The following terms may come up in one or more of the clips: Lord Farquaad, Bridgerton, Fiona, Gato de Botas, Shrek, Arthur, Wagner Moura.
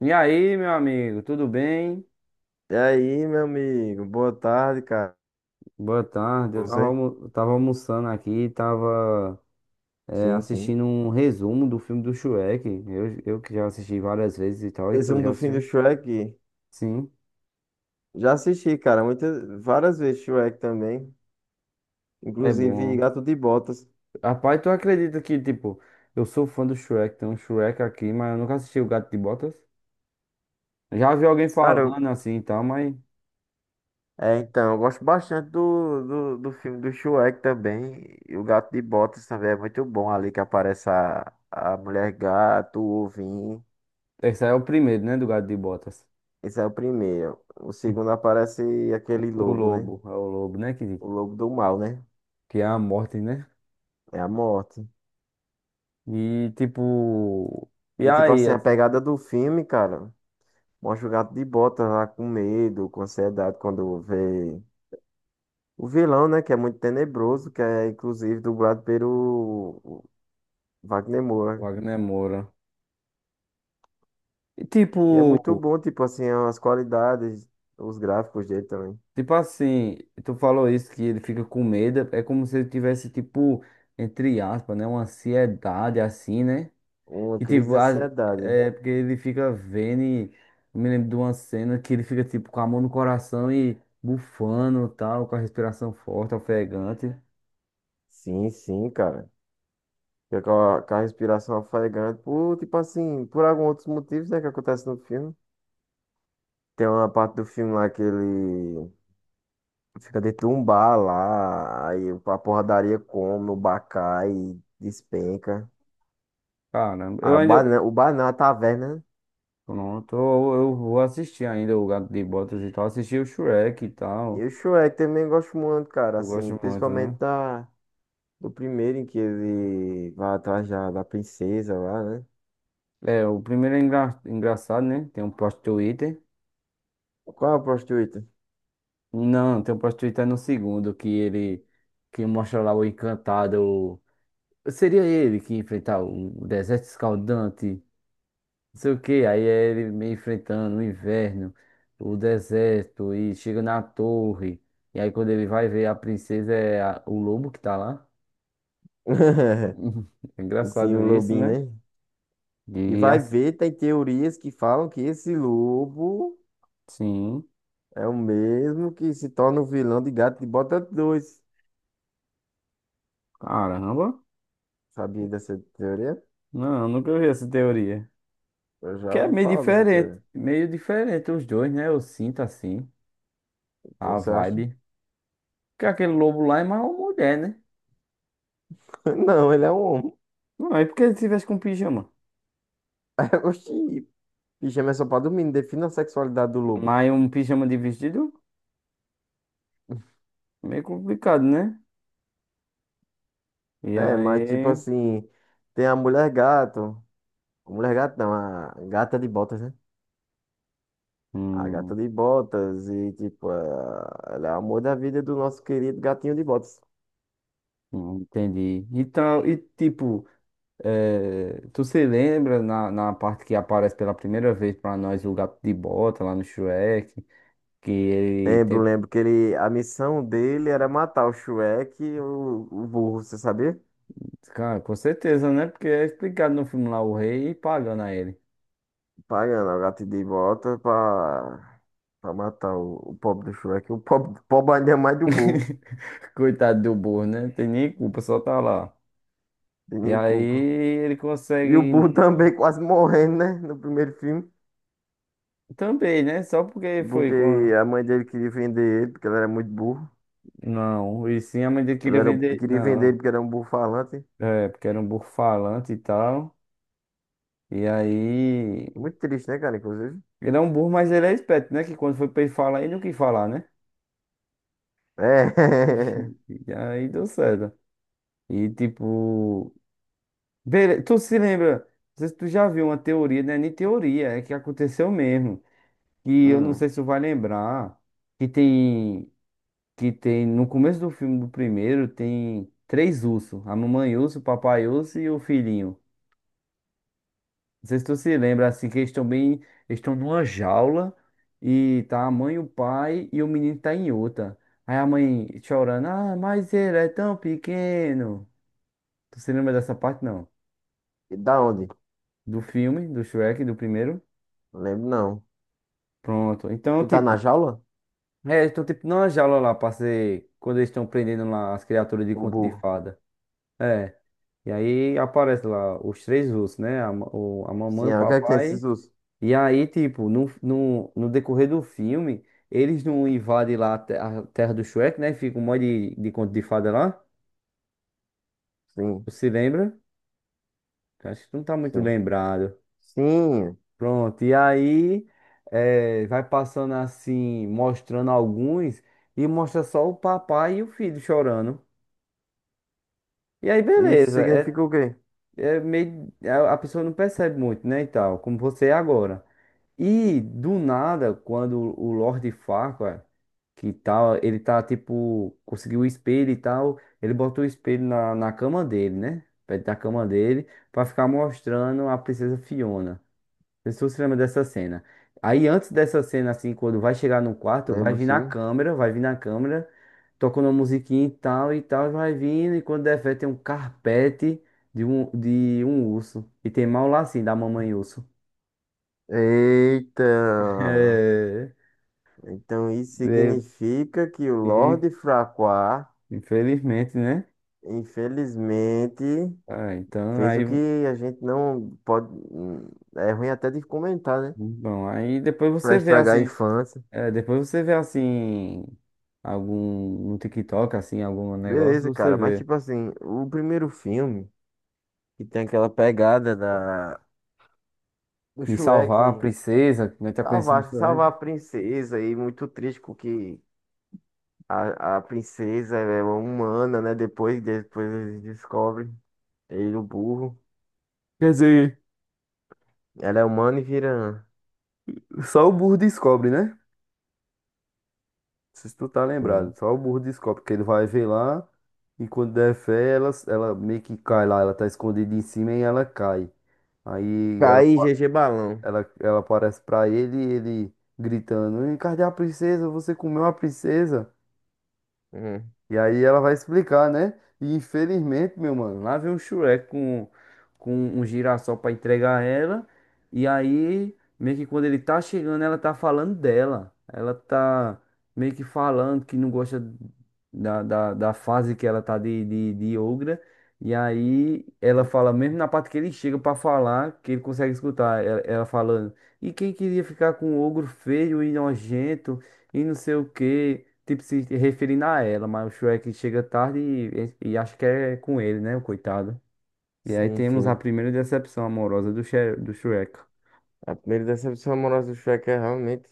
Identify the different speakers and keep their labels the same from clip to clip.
Speaker 1: E aí, meu amigo, tudo bem?
Speaker 2: E aí, meu amigo, boa tarde, cara.
Speaker 1: Boa tarde. Eu tava,
Speaker 2: Você?
Speaker 1: eu tava almoçando aqui, tava
Speaker 2: Sim, sim.
Speaker 1: assistindo um resumo do filme do Shrek. Eu que já assisti várias vezes e tal, e tu
Speaker 2: Resumo
Speaker 1: já
Speaker 2: do fim do
Speaker 1: assistiu?
Speaker 2: Shrek.
Speaker 1: Sim,
Speaker 2: Já assisti, cara, muitas, várias vezes Shrek também.
Speaker 1: é
Speaker 2: Inclusive
Speaker 1: bom.
Speaker 2: Gato de Botas.
Speaker 1: Rapaz, tu acredita que, tipo, eu sou fã do Shrek, tem um Shrek aqui, mas eu nunca assisti o Gato de Botas. Já vi alguém
Speaker 2: Cara,
Speaker 1: falando
Speaker 2: eu,
Speaker 1: assim e tal, mas
Speaker 2: é, então, Eu gosto bastante do filme do Shrek também. E o Gato de Botas também é muito bom ali que aparece a mulher gato, o ovinho.
Speaker 1: esse aí é o primeiro, né, do Gato de Botas.
Speaker 2: Esse é o primeiro. O segundo aparece
Speaker 1: O
Speaker 2: aquele
Speaker 1: o
Speaker 2: lobo, né?
Speaker 1: lobo, é o lobo, né,
Speaker 2: O lobo do mal, né?
Speaker 1: que é a morte, né?
Speaker 2: É a morte.
Speaker 1: E, tipo... E
Speaker 2: E tipo
Speaker 1: aí?
Speaker 2: assim, a pegada do filme, cara. Mostra o gato de bota lá com medo, com ansiedade, quando vê o vilão, né? Que é muito tenebroso, que é inclusive dublado pelo Wagner Moura.
Speaker 1: Wagner Moura. E tipo,
Speaker 2: E é muito bom, tipo assim, as qualidades, os gráficos dele também.
Speaker 1: tipo assim, tu falou isso que ele fica com medo, é como se ele tivesse, tipo, entre aspas, né? Uma ansiedade assim, né?
Speaker 2: Uma
Speaker 1: E
Speaker 2: crise de
Speaker 1: tipo, as-
Speaker 2: ansiedade.
Speaker 1: é porque ele fica vendo e eu me lembro de uma cena que ele fica, tipo, com a mão no coração e bufando tal, com a respiração forte, ofegante.
Speaker 2: Sim, sim, cara. Fica com a respiração ofegante, por, tipo assim, por alguns outros motivos, né, que acontece no filme. Tem uma parte do filme lá que ele fica dentro de um bar lá, aí a porradaria come, o bar cai, despenca.
Speaker 1: Caramba, eu
Speaker 2: Aí o bar,
Speaker 1: ainda.
Speaker 2: não- O bar não, a taverna, né?
Speaker 1: Pronto, eu vou assistir ainda o Gato de Botas e tal, assistir o Shrek e
Speaker 2: E
Speaker 1: tal.
Speaker 2: o Shrek também gosto muito, cara,
Speaker 1: Eu
Speaker 2: assim,
Speaker 1: gosto muito,
Speaker 2: principalmente
Speaker 1: né?
Speaker 2: da, do primeiro em que ele vai atrás da princesa lá, né?
Speaker 1: É, o primeiro é engraçado, né? Tem um plot Twitter.
Speaker 2: Qual é a prostituta?
Speaker 1: Não, tem um plot Twitter no segundo, que ele que mostra lá o encantado. Seria ele que ia enfrentar o deserto escaldante, não sei o que. Aí é ele meio enfrentando o inverno, o deserto, e chega na torre. E aí quando ele vai ver a princesa é o lobo que tá lá. É
Speaker 2: Sim, o
Speaker 1: engraçado isso,
Speaker 2: lobinho,
Speaker 1: né?
Speaker 2: né? E
Speaker 1: E
Speaker 2: vai ver, tem teorias que falam que esse lobo
Speaker 1: assim,
Speaker 2: é o mesmo que se torna o vilão de Gato de Bota 2.
Speaker 1: caramba.
Speaker 2: Sabia dessa teoria?
Speaker 1: Não, nunca vi essa teoria.
Speaker 2: Eu já
Speaker 1: Que é
Speaker 2: ouvi
Speaker 1: meio
Speaker 2: falar dessa
Speaker 1: diferente.
Speaker 2: teoria.
Speaker 1: Meio diferente os dois, né? Eu sinto assim.
Speaker 2: Então,
Speaker 1: A
Speaker 2: você acha?
Speaker 1: vibe. Porque aquele lobo lá é mais uma mulher, né?
Speaker 2: Não, ele é um homem.
Speaker 1: Não, é porque ele tivesse com pijama.
Speaker 2: Oxi, pijama é só pra dormir, defina a sexualidade do lobo.
Speaker 1: Mas um pijama de vestido, meio complicado, né? E
Speaker 2: É, mas tipo
Speaker 1: aí.
Speaker 2: assim, tem a mulher gato. A mulher gato não, a gata de botas, né? A gata
Speaker 1: Hum,
Speaker 2: de botas e tipo, ela é o amor da vida do nosso querido gatinho de botas.
Speaker 1: hum, entendi. Então, e tipo, tu se lembra na, na parte que aparece pela primeira vez pra nós o gato de bota lá no Shrek? Que ele
Speaker 2: Lembro,
Speaker 1: tem.
Speaker 2: lembro que ele, a missão dele era matar o Shrek e o burro, você sabia?
Speaker 1: Cara, com certeza, né? Porque é explicado no filme lá o rei pagando a ele.
Speaker 2: Pagando o gato de botas pra matar o pobre do Shrek. O pobre, pobre ainda é mais do burro,
Speaker 1: Coitado do burro, né? Tem nem culpa, só tá lá.
Speaker 2: de
Speaker 1: E
Speaker 2: nem
Speaker 1: aí
Speaker 2: culpa.
Speaker 1: ele
Speaker 2: E o Boo
Speaker 1: consegue
Speaker 2: também quase morrendo, né? No primeiro filme.
Speaker 1: também, né? Só porque foi
Speaker 2: Porque
Speaker 1: com a...
Speaker 2: a mãe dele queria vender ele, porque ele era muito burro.
Speaker 1: Não, e sim a mãe dele
Speaker 2: Ela
Speaker 1: queria
Speaker 2: era,
Speaker 1: vender.
Speaker 2: Queria vender
Speaker 1: Não,
Speaker 2: ele porque era um burro falante.
Speaker 1: é, porque era um burro falante e tal. E aí.
Speaker 2: Muito triste, né, cara? Inclusive.
Speaker 1: Ele é um burro, mas ele é esperto, né? Que quando foi pra ele falar, ele não quis falar, né?
Speaker 2: É.
Speaker 1: E aí deu certo. E tipo. Bele... Tu se lembra? Não sei se tu já viu uma teoria, né? Nem teoria, é que aconteceu mesmo. E eu não
Speaker 2: Hum.
Speaker 1: sei se tu vai lembrar, que tem, que tem, no começo do filme do primeiro, tem três ursos, a mamãe urso, o papai urso e o filhinho. Não sei se tu se lembra, assim, que eles estão bem, eles estão numa jaula e tá a mãe, o pai e o menino tá em outra. Aí a mãe chorando, ah, mas ele é tão pequeno. Tu se lembra dessa parte, não?
Speaker 2: E da onde?
Speaker 1: Do filme, do Shrek, do primeiro?
Speaker 2: Não lembro, não.
Speaker 1: Pronto. Então,
Speaker 2: Que tá na
Speaker 1: tipo,
Speaker 2: jaula?
Speaker 1: é, eles estão tipo numa jaula lá pra ser. Quando eles estão prendendo lá as criaturas de
Speaker 2: O
Speaker 1: conto de
Speaker 2: burro.
Speaker 1: fada. É. E aí aparece lá os três ursos, né? A, a mamãe,
Speaker 2: Sim,
Speaker 1: o
Speaker 2: ah, o que é que tem esses
Speaker 1: papai.
Speaker 2: ursos?
Speaker 1: E aí, tipo, no decorrer do filme, eles não invadem lá a terra do Shrek, né? Fica um monte de conto de fada lá.
Speaker 2: Sim,
Speaker 1: Você se lembra? Acho que tu não tá muito
Speaker 2: sim.
Speaker 1: lembrado.
Speaker 2: Sim.
Speaker 1: Pronto. E aí, é, vai passando assim, mostrando alguns. E mostra só o papai e o filho chorando. E aí,
Speaker 2: Isso
Speaker 1: beleza. É,
Speaker 2: significa o quê?
Speaker 1: é meio, a pessoa não percebe muito, né? E tal, como você é agora. E do nada, quando o Lord Farquaad, que tal, ele tá tipo, conseguiu o espelho e tal, ele botou o espelho na, na cama dele, né? Perto da cama dele, pra ficar mostrando a princesa Fiona. Não sei se você lembra dessa cena. Aí antes dessa cena, assim, quando vai chegar no quarto,
Speaker 2: Lembro, sim.
Speaker 1: vai vir na câmera, tocando uma musiquinha e tal e tal, e vai vindo, e quando der fé tem um carpete de um urso. E tem mal lá assim da mamãe urso.
Speaker 2: Eita.
Speaker 1: É,
Speaker 2: Então isso
Speaker 1: é,
Speaker 2: significa que o
Speaker 1: e,
Speaker 2: Lorde Fraqua
Speaker 1: infelizmente, né?
Speaker 2: infelizmente
Speaker 1: Ah, então
Speaker 2: fez o
Speaker 1: aí.
Speaker 2: que a gente não pode. Hum, é ruim até de comentar, né?
Speaker 1: Bom, aí depois
Speaker 2: Pra
Speaker 1: você vê
Speaker 2: estragar a
Speaker 1: assim.
Speaker 2: infância.
Speaker 1: É, depois você vê assim. Algum no TikTok, assim, algum negócio,
Speaker 2: Beleza,
Speaker 1: você
Speaker 2: cara. Mas,
Speaker 1: vê.
Speaker 2: tipo assim, o primeiro filme, que tem aquela pegada da... Do
Speaker 1: De
Speaker 2: Shrek
Speaker 1: salvar a princesa, que nós tá conhecendo isso
Speaker 2: salvar
Speaker 1: antes.
Speaker 2: a princesa, e muito triste com que a princesa é humana, né? Depois eles descobrem ele, o burro.
Speaker 1: Quer dizer,
Speaker 2: Ela é humana e vira.
Speaker 1: só o burro descobre, né? Não sei se tu tá lembrado.
Speaker 2: Sim.
Speaker 1: Só o burro descobre, que ele vai ver lá e quando der fé, ela meio que cai lá. Ela tá escondida em cima e ela cai. Aí ela,
Speaker 2: Cai GG Balão.
Speaker 1: ela aparece pra ele e ele gritando: Cadê a princesa? Você comeu a princesa?
Speaker 2: Hum,
Speaker 1: E aí ela vai explicar, né? E infelizmente, meu mano, lá vem o Shrek com um girassol pra entregar a ela. E aí, meio que quando ele tá chegando, ela tá falando dela. Ela tá meio que falando que não gosta da fase que ela tá de ogra. E aí ela fala, mesmo na parte que ele chega pra falar, que ele consegue escutar ela, ela falando. E quem queria ficar com um ogro feio e nojento? E não sei o quê. Tipo, se referindo a ela, mas o Shrek chega tarde e acho que é com ele, né, o coitado. E aí
Speaker 2: sim,
Speaker 1: temos a
Speaker 2: sim.
Speaker 1: primeira decepção amorosa do Shrek.
Speaker 2: A primeira decepção amorosa do Shrek é realmente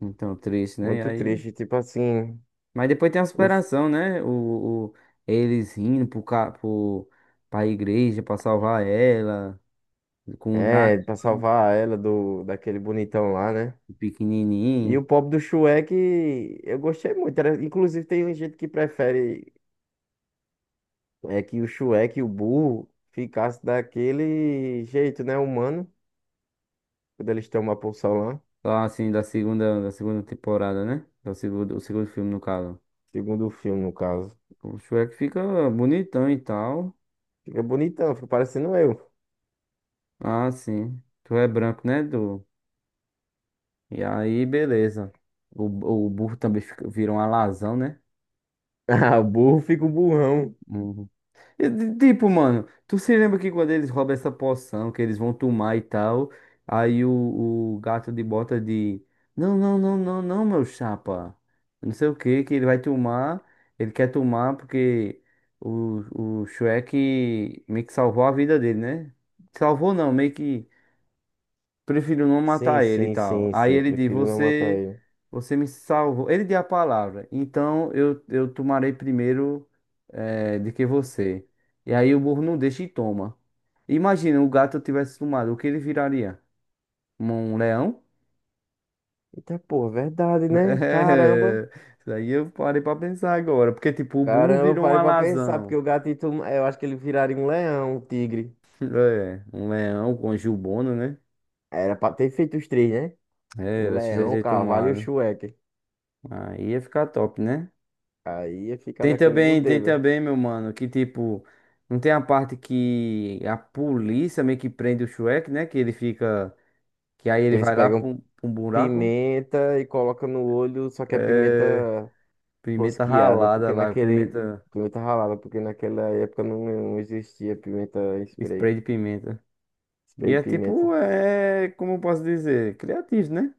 Speaker 1: Então, triste, né? E
Speaker 2: muito
Speaker 1: aí...
Speaker 2: triste. Tipo assim,
Speaker 1: Mas depois tem a
Speaker 2: uf,
Speaker 1: superação, né? Eles indo pro, pra igreja pra salvar ela, com o dragão
Speaker 2: é, pra salvar ela do, daquele bonitão lá, né? E
Speaker 1: pequenininho.
Speaker 2: o pobre do Shrek, eu gostei muito. Inclusive, tem gente que prefere que o Shrek, o burro, ficasse daquele jeito, né? Humano, quando eles tomam a poção lá.
Speaker 1: Lá, assim, da segunda temporada, né? Do segundo, o segundo filme, no caso.
Speaker 2: Segundo o filme, no caso.
Speaker 1: O Shrek fica bonitão e tal.
Speaker 2: Fica bonitão, fica parecendo eu.
Speaker 1: Ah, sim. Tu é branco, né, Du? E aí, beleza. O, o burro também vira um alazão, né?
Speaker 2: Ah, o burro fica o burrão.
Speaker 1: Uhum. E, tipo, mano, tu se lembra que quando eles roubam essa poção, que eles vão tomar e tal, aí o gato de bota de. Não, não, não, não, não, meu chapa. Não sei o que, que ele vai tomar. Ele quer tomar porque o Shrek meio que salvou a vida dele, né? Salvou não, meio que. Prefiro não
Speaker 2: Sim,
Speaker 1: matar ele e
Speaker 2: sim,
Speaker 1: tal.
Speaker 2: sim,
Speaker 1: Aí
Speaker 2: sim.
Speaker 1: ele diz:
Speaker 2: Prefiro não matar
Speaker 1: Você,
Speaker 2: ele.
Speaker 1: você me salvou. Ele diz a palavra. Então eu tomarei primeiro de que você. E aí o burro não deixa e toma. Imagina o gato tivesse tomado, o que ele viraria? Um leão?
Speaker 2: Eita, pô,
Speaker 1: É,
Speaker 2: verdade, né? Caramba.
Speaker 1: isso aí eu parei pra pensar agora. Porque, tipo, o burro
Speaker 2: Caramba,
Speaker 1: virou um
Speaker 2: parei pra pensar, porque
Speaker 1: alazão.
Speaker 2: o gatito, eu acho que ele viraria um leão, um tigre.
Speaker 1: É, um leão com um jubona, né?
Speaker 2: Era pra ter feito os três, né?
Speaker 1: É,
Speaker 2: O
Speaker 1: era cheio
Speaker 2: leão, o
Speaker 1: de
Speaker 2: cavalo e o
Speaker 1: tomado.
Speaker 2: chueque.
Speaker 1: Aí ia ficar top, né?
Speaker 2: Aí ia ficar daquele
Speaker 1: Tem
Speaker 2: modelo.
Speaker 1: também, meu mano, que tipo, não tem a parte que a polícia meio que prende o Shrek, né? Que ele fica, que aí
Speaker 2: Que
Speaker 1: ele
Speaker 2: eles
Speaker 1: vai lá
Speaker 2: pegam
Speaker 1: pra um buraco,
Speaker 2: pimenta e colocam no olho, só que é
Speaker 1: é,
Speaker 2: pimenta
Speaker 1: pimenta
Speaker 2: rosqueada,
Speaker 1: ralada
Speaker 2: porque
Speaker 1: lá,
Speaker 2: naquele.
Speaker 1: pimenta,
Speaker 2: Pimenta ralada, porque naquela época não existia pimenta em spray.
Speaker 1: spray de pimenta. E
Speaker 2: Spray de
Speaker 1: é
Speaker 2: pimenta.
Speaker 1: tipo, é, como eu posso dizer, criativo, né?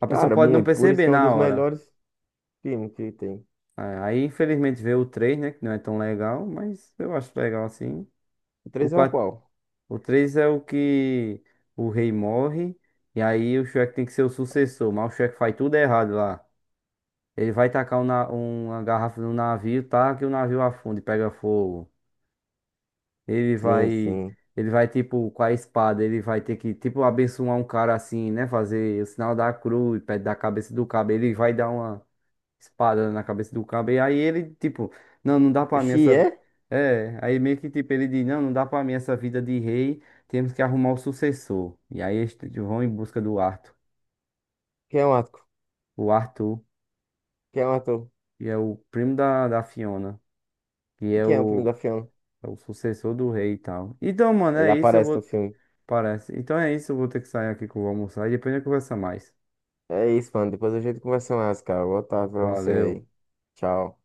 Speaker 1: A pessoa
Speaker 2: Cara,
Speaker 1: pode não
Speaker 2: muito. Por isso
Speaker 1: perceber
Speaker 2: que é um
Speaker 1: na
Speaker 2: dos
Speaker 1: hora.
Speaker 2: melhores filmes que tem.
Speaker 1: É, aí, infelizmente, vê o 3, né? Que não é tão legal, mas eu acho legal assim.
Speaker 2: O
Speaker 1: O
Speaker 2: três é o
Speaker 1: 4.
Speaker 2: qual?
Speaker 1: O 3 é o que o rei morre. E aí o Shrek tem que ser o sucessor. Mas o Shrek faz tudo errado lá. Ele vai tacar uma garrafa no navio, tá? Que o navio afunda e pega fogo. Ele
Speaker 2: Sim,
Speaker 1: vai.
Speaker 2: sim.
Speaker 1: Ele vai, tipo, com a espada, ele vai ter que, tipo, abençoar um cara assim, né? Fazer o sinal da cruz, perto da cabeça do cabo. Ele vai dar uma espada na cabeça do cabo. E aí ele, tipo, não, não dá pra mim
Speaker 2: Xi
Speaker 1: essa.
Speaker 2: é?
Speaker 1: Vi-" É, aí meio que tipo, ele diz, não, não dá pra mim essa vida de rei, temos que arrumar o sucessor. E aí vão em busca do Arthur.
Speaker 2: Quem é o ator?
Speaker 1: O Arthur,
Speaker 2: Quem é o ator?
Speaker 1: que é o primo da, da Fiona, que
Speaker 2: E
Speaker 1: é
Speaker 2: quem é o primo
Speaker 1: o,
Speaker 2: da Fiona?
Speaker 1: é o sucessor do rei e tal. Então, mano,
Speaker 2: Ele
Speaker 1: é isso, eu
Speaker 2: aparece no
Speaker 1: vou.
Speaker 2: filme.
Speaker 1: Parece. Então é isso, eu vou ter que sair aqui que eu vou almoçar e depois a gente conversa mais.
Speaker 2: É isso, mano. Depois a gente conversa mais, cara. Boa tarde pra você
Speaker 1: Valeu.
Speaker 2: aí. Tchau.